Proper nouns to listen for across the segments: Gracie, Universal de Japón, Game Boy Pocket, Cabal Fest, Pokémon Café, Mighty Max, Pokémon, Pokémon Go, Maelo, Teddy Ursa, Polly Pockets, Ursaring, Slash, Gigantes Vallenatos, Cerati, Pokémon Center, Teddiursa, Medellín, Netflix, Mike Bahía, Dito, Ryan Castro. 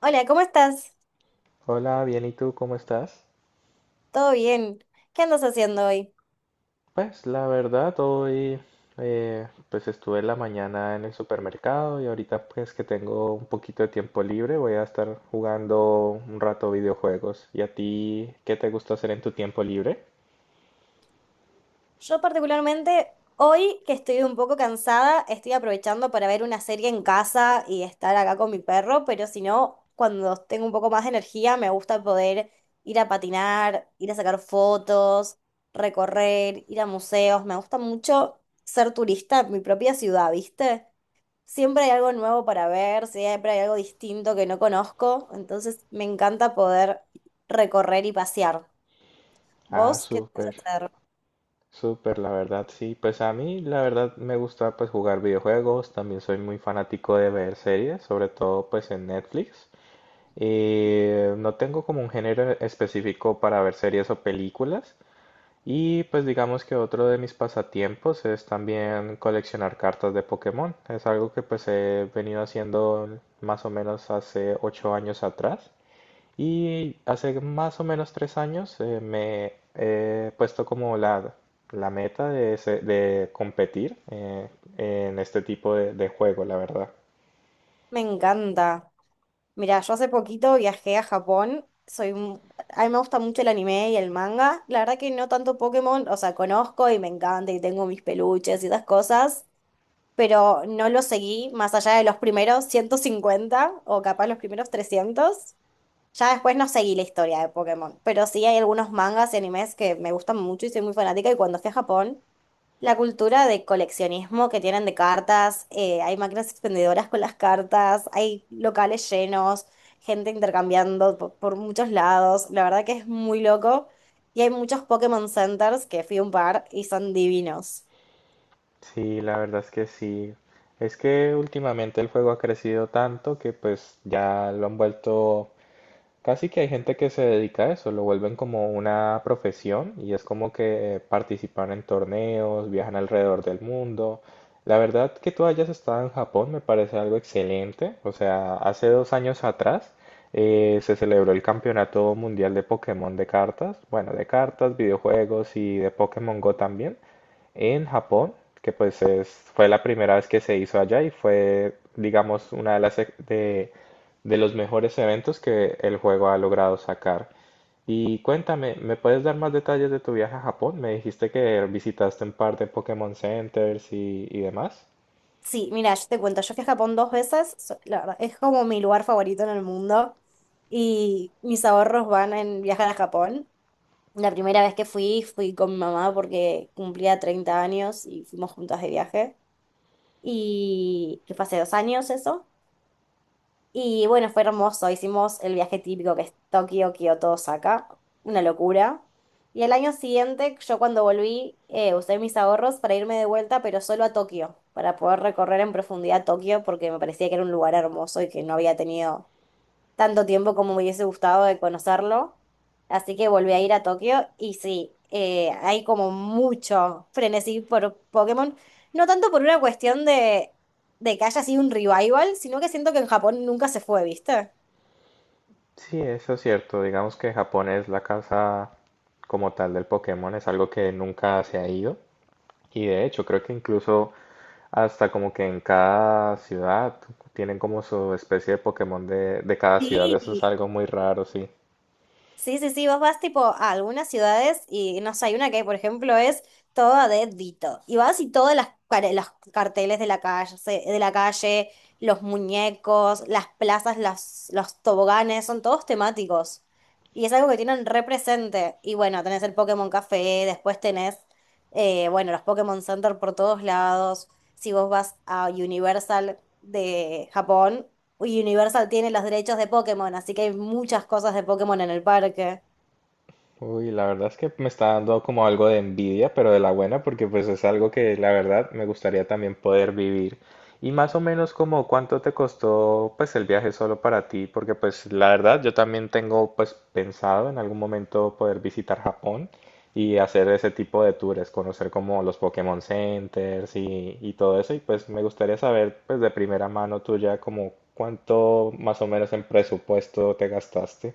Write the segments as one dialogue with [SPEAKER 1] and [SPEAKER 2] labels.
[SPEAKER 1] Hola, ¿cómo estás?
[SPEAKER 2] Hola, bien, ¿y tú cómo estás?
[SPEAKER 1] ¿Todo bien? ¿Qué andas haciendo hoy?
[SPEAKER 2] Pues la verdad, hoy pues estuve en la mañana en el supermercado y ahorita pues que tengo un poquito de tiempo libre voy a estar jugando un rato videojuegos. ¿Y a ti qué te gusta hacer en tu tiempo libre?
[SPEAKER 1] Yo particularmente, hoy que estoy un poco cansada, estoy aprovechando para ver una serie en casa y estar acá con mi perro, pero si no, cuando tengo un poco más de energía, me gusta poder ir a patinar, ir a sacar fotos, recorrer, ir a museos. Me gusta mucho ser turista en mi propia ciudad, ¿viste? Siempre hay algo nuevo para ver, siempre hay algo distinto que no conozco, entonces me encanta poder recorrer y pasear.
[SPEAKER 2] Ah,
[SPEAKER 1] ¿Vos qué te vas a
[SPEAKER 2] súper,
[SPEAKER 1] hacer?
[SPEAKER 2] súper, la verdad, sí. Pues a mí la verdad me gusta pues jugar videojuegos, también soy muy fanático de ver series, sobre todo pues en Netflix. No tengo como un género específico para ver series o películas. Y pues digamos que otro de mis pasatiempos es también coleccionar cartas de Pokémon. Es algo que pues he venido haciendo más o menos hace 8 años atrás. Y hace más o menos 3 años me he puesto como la meta de, de competir en este tipo de juego, la verdad.
[SPEAKER 1] Me encanta. Mira, yo hace poquito viajé a Japón. A mí me gusta mucho el anime y el manga. La verdad que no tanto Pokémon, o sea, conozco y me encanta y tengo mis peluches y esas cosas, pero no lo seguí más allá de los primeros 150 o capaz los primeros 300. Ya después no seguí la historia de Pokémon, pero sí hay algunos mangas y animes que me gustan mucho y soy muy fanática, y cuando fui a Japón, la cultura de coleccionismo que tienen de cartas, hay máquinas expendedoras con las cartas, hay locales llenos, gente intercambiando por muchos lados, la verdad que es muy loco. Y hay muchos Pokémon Centers, que fui a un par y son divinos.
[SPEAKER 2] Sí, la verdad es que sí. Es que últimamente el juego ha crecido tanto que pues ya lo han vuelto. Casi que hay gente que se dedica a eso, lo vuelven como una profesión y es como que participan en torneos, viajan alrededor del mundo. La verdad que tú hayas estado en Japón me parece algo excelente. O sea, hace 2 años atrás se celebró el Campeonato Mundial de Pokémon de cartas, bueno, de cartas, videojuegos y de Pokémon Go también, en Japón, que pues fue la primera vez que se hizo allá y fue, digamos, una de las, de los mejores eventos que el juego ha logrado sacar. Y cuéntame, ¿me puedes dar más detalles de tu viaje a Japón? Me dijiste que visitaste un par de Pokémon Centers y demás.
[SPEAKER 1] Sí, mira, yo te cuento, yo fui a Japón dos veces, la verdad, es como mi lugar favorito en el mundo y mis ahorros van en viajar a Japón. La primera vez que fui, fui con mi mamá porque cumplía 30 años y fuimos juntas de viaje. Y que fue hace 2 años eso. Y bueno, fue hermoso. Hicimos el viaje típico, que es Tokio, Kioto, Osaka. Una locura. Y al año siguiente, yo cuando volví, usé mis ahorros para irme de vuelta, pero solo a Tokio, para poder recorrer en profundidad Tokio, porque me parecía que era un lugar hermoso y que no había tenido tanto tiempo como me hubiese gustado de conocerlo. Así que volví a ir a Tokio y sí, hay como mucho frenesí por Pokémon. No tanto por una cuestión de que haya sido un revival, sino que siento que en Japón nunca se fue, ¿viste?
[SPEAKER 2] Sí, eso es cierto. Digamos que Japón es la casa como tal del Pokémon, es algo que nunca se ha ido. Y de hecho, creo que incluso hasta como que en cada ciudad tienen como su especie de Pokémon de cada ciudad. Eso es
[SPEAKER 1] Sí,
[SPEAKER 2] algo muy raro, sí.
[SPEAKER 1] sí, sí, sí, vos vas tipo a algunas ciudades y no sé, hay una que por ejemplo es toda de Dito. Y vas y todas las carteles de la calle, de la calle, los muñecos, las plazas, las, los toboganes, son todos temáticos. Y es algo que tienen represente. Y bueno, tenés el Pokémon Café, después tenés, bueno, los Pokémon Center por todos lados. Si vos vas a Universal de Japón, y Universal tiene los derechos de Pokémon, así que hay muchas cosas de Pokémon en el parque.
[SPEAKER 2] Uy, la verdad es que me está dando como algo de envidia, pero de la buena, porque pues es algo que la verdad me gustaría también poder vivir. Y más o menos como cuánto te costó pues el viaje solo para ti, porque pues la verdad yo también tengo pues pensado en algún momento poder visitar Japón y hacer ese tipo de tours, conocer como los Pokémon Centers y todo eso, y pues me gustaría saber pues de primera mano tuya como cuánto más o menos en presupuesto te gastaste.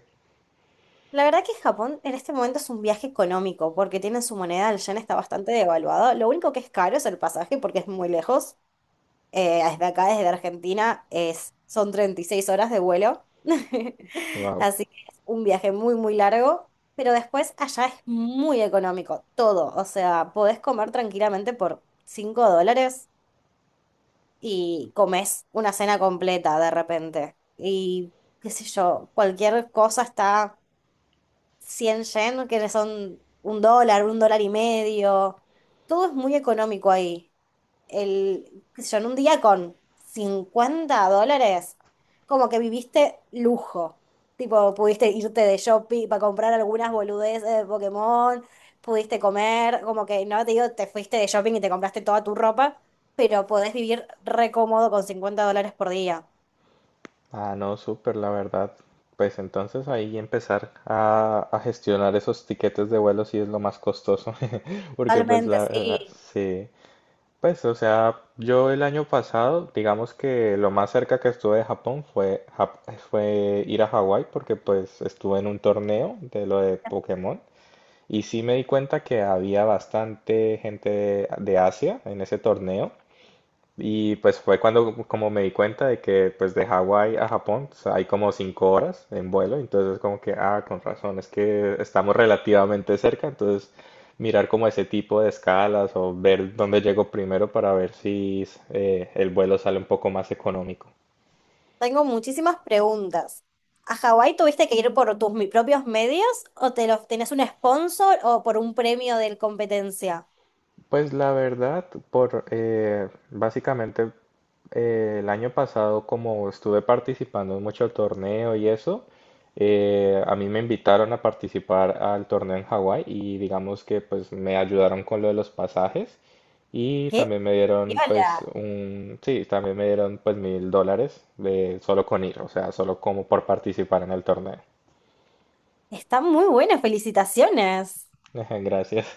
[SPEAKER 1] La verdad que Japón en este momento es un viaje económico, porque tienen su moneda, el yen está bastante devaluado. Lo único que es caro es el pasaje, porque es muy lejos. Desde acá, desde Argentina, es, son 36 horas de vuelo.
[SPEAKER 2] Wow.
[SPEAKER 1] Así que es un viaje muy, muy largo. Pero después allá es muy económico, todo. O sea, podés comer tranquilamente por $5 y comes una cena completa de repente. Y qué sé yo, cualquier cosa está 100 yenes, que son $1, $1,50. Todo es muy económico ahí, el, qué sé yo, en un día con $50, como que viviste lujo. Tipo, pudiste irte de shopping para comprar algunas boludeces de Pokémon, pudiste comer, como que no te digo, te fuiste de shopping y te compraste toda tu ropa, pero podés vivir re cómodo con $50 por día.
[SPEAKER 2] Ah, no, súper, la verdad. Pues entonces ahí empezar a gestionar esos tiquetes de vuelo sí es lo más costoso, porque pues
[SPEAKER 1] Totalmente,
[SPEAKER 2] la verdad,
[SPEAKER 1] sí.
[SPEAKER 2] sí. Pues, o sea, yo el año pasado, digamos que lo más cerca que estuve de Japón fue, fue ir a Hawái, porque pues estuve en un torneo de lo de Pokémon, y sí me di cuenta que había bastante gente de Asia en ese torneo. Y pues fue cuando como me di cuenta de que pues de Hawái a Japón pues, hay como 5 horas en vuelo, entonces como que, ah, con razón, es que estamos relativamente cerca, entonces mirar como ese tipo de escalas o ver dónde llego primero para ver si el vuelo sale un poco más económico.
[SPEAKER 1] Tengo muchísimas preguntas. ¿A Hawái tuviste que ir por tus propios medios o te los tenés un sponsor o por un premio de competencia?
[SPEAKER 2] Pues la verdad, por básicamente el año pasado, como estuve participando en mucho torneo y eso, a mí me invitaron a participar al torneo en Hawái y digamos que pues me ayudaron con lo de los pasajes y
[SPEAKER 1] ¿Qué?
[SPEAKER 2] también me dieron pues un, sí, también me dieron pues $1000 de solo con ir, o sea, solo como por participar en el torneo.
[SPEAKER 1] Está muy buena, felicitaciones.
[SPEAKER 2] Gracias.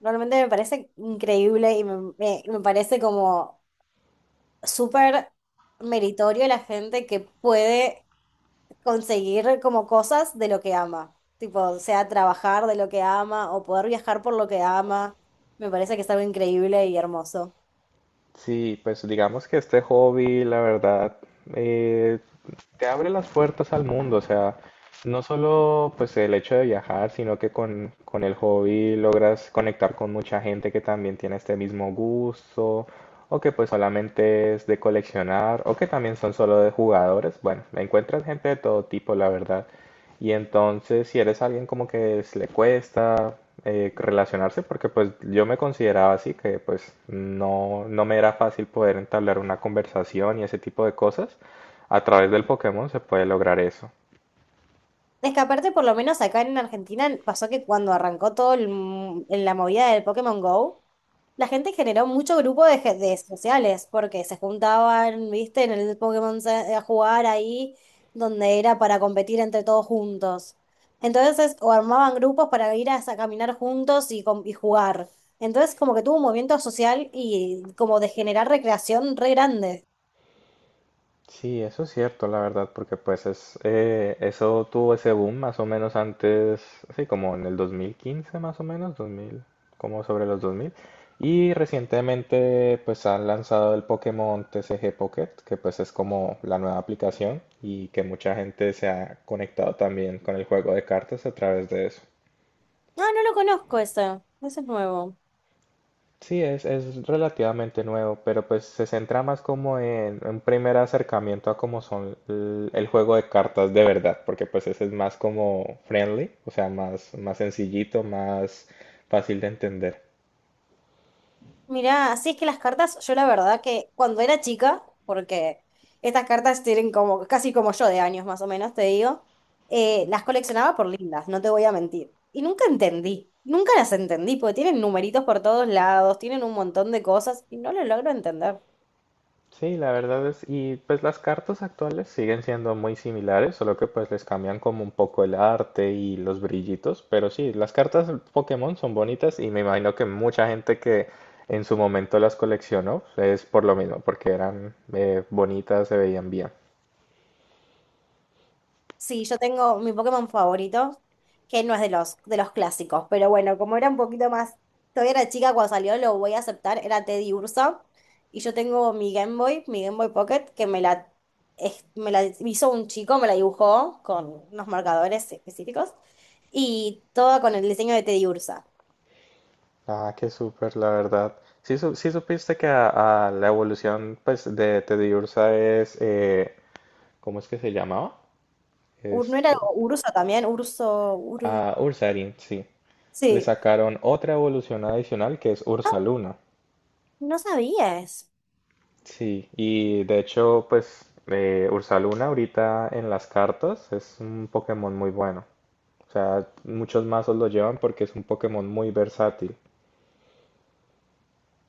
[SPEAKER 1] Realmente me parece increíble y me parece como súper meritorio la gente que puede conseguir como cosas de lo que ama. Tipo, sea trabajar de lo que ama o poder viajar por lo que ama. Me parece que es algo increíble y hermoso.
[SPEAKER 2] Sí, pues digamos que este hobby, la verdad, eh, te abre las puertas al mundo, o sea, no solo pues el hecho de viajar, sino que con el hobby logras conectar con mucha gente que también tiene este mismo gusto, o que pues solamente es de coleccionar, o que también son solo de jugadores. Bueno, encuentras gente de todo tipo, la verdad. Y entonces, si eres alguien como que le cuesta relacionarse, porque pues yo me consideraba así, que pues no, no me era fácil poder entablar una conversación y ese tipo de cosas, a través del Pokémon se puede lograr eso.
[SPEAKER 1] Es que aparte, por lo menos acá en Argentina, pasó que cuando arrancó todo el en la movida del Pokémon Go, la gente generó mucho grupo de, de sociales, porque se juntaban, viste, en el a jugar ahí, donde era para competir entre todos juntos. Entonces, o armaban grupos para ir a caminar juntos y y jugar. Entonces, como que tuvo un movimiento social y como de generar recreación re grande.
[SPEAKER 2] Sí, eso es cierto, la verdad, porque pues es, eso tuvo ese boom más o menos antes, sí, como en el 2015 más o menos, 2000, como sobre los 2000. Y recientemente pues han lanzado el Pokémon TCG Pocket, que pues es como la nueva aplicación y que mucha gente se ha conectado también con el juego de cartas a través de eso.
[SPEAKER 1] No, no lo conozco eso. Eso es nuevo.
[SPEAKER 2] Sí, es relativamente nuevo, pero pues se centra más como en un primer acercamiento a cómo son el, juego de cartas de verdad, porque pues ese es más como friendly, o sea, más, más sencillito, más fácil de entender.
[SPEAKER 1] Mirá, sí, es que las cartas, yo la verdad que cuando era chica, porque estas cartas tienen como casi como yo de años más o menos, te digo, las coleccionaba por lindas, no te voy a mentir. Y nunca entendí, nunca las entendí, porque tienen numeritos por todos lados, tienen un montón de cosas y no lo logro entender.
[SPEAKER 2] Sí, la verdad es, y pues las cartas actuales siguen siendo muy similares, solo que pues les cambian como un poco el arte y los brillitos, pero sí, las cartas Pokémon son bonitas y me imagino que mucha gente que en su momento las coleccionó es por lo mismo, porque eran bonitas, se veían bien.
[SPEAKER 1] Sí, yo tengo mi Pokémon favorito, que no es de los clásicos, pero bueno, como era un poquito más, todavía era chica cuando salió, lo voy a aceptar, era Teddy Ursa, y yo tengo mi Game Boy Pocket, que me la, me la hizo un chico, me la dibujó con unos marcadores específicos, y toda con el diseño de Teddy Ursa.
[SPEAKER 2] Ah, qué súper, la verdad. Sí, sí supiste que a la evolución pues de Teddiursa es, ¿cómo es que se llamaba?
[SPEAKER 1] ¿No era
[SPEAKER 2] Esto.
[SPEAKER 1] Urso también? Urso.
[SPEAKER 2] A Ursaring, sí. Le
[SPEAKER 1] Sí,
[SPEAKER 2] sacaron otra evolución adicional que es Ursaluna.
[SPEAKER 1] no sabías.
[SPEAKER 2] Sí, y de hecho, pues Ursaluna ahorita en las cartas es un Pokémon muy bueno. O sea, muchos mazos lo llevan porque es un Pokémon muy versátil.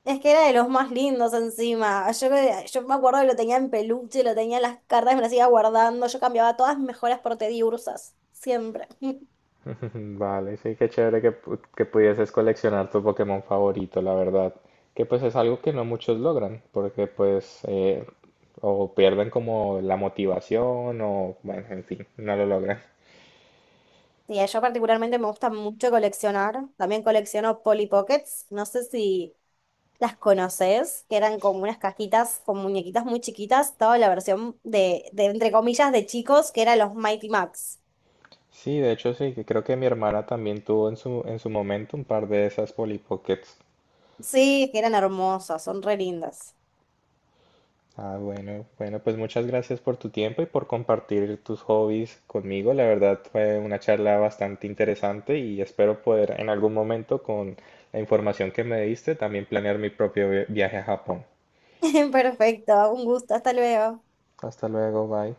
[SPEAKER 1] Es que era de los más lindos encima. Yo me acuerdo que lo tenía en peluche, lo tenía en las cartas, me las iba guardando. Yo cambiaba todas mis mejoras por Tediursas, siempre.
[SPEAKER 2] Vale, sí, qué chévere que, que pudieses coleccionar tu Pokémon favorito, la verdad. Que pues es algo que no muchos logran, porque pues o pierden como la motivación o, bueno, en fin, no lo logran.
[SPEAKER 1] Sí, yo particularmente me gusta mucho coleccionar. También colecciono Polly Pockets. No sé si las conoces, que eran como unas cajitas con muñequitas muy chiquitas. Estaba la versión de, entre comillas, de chicos, que eran los Mighty Max.
[SPEAKER 2] Sí, de hecho sí, que creo que mi hermana también tuvo en su momento un par de esas Polly Pockets.
[SPEAKER 1] Sí, que eran hermosas, son re lindas.
[SPEAKER 2] Ah, bueno, bueno, pues muchas gracias por tu tiempo y por compartir tus hobbies conmigo. La verdad fue una charla bastante interesante y espero poder en algún momento con la información que me diste también planear mi propio viaje a Japón.
[SPEAKER 1] Perfecto, un gusto, hasta luego.
[SPEAKER 2] Hasta luego, bye.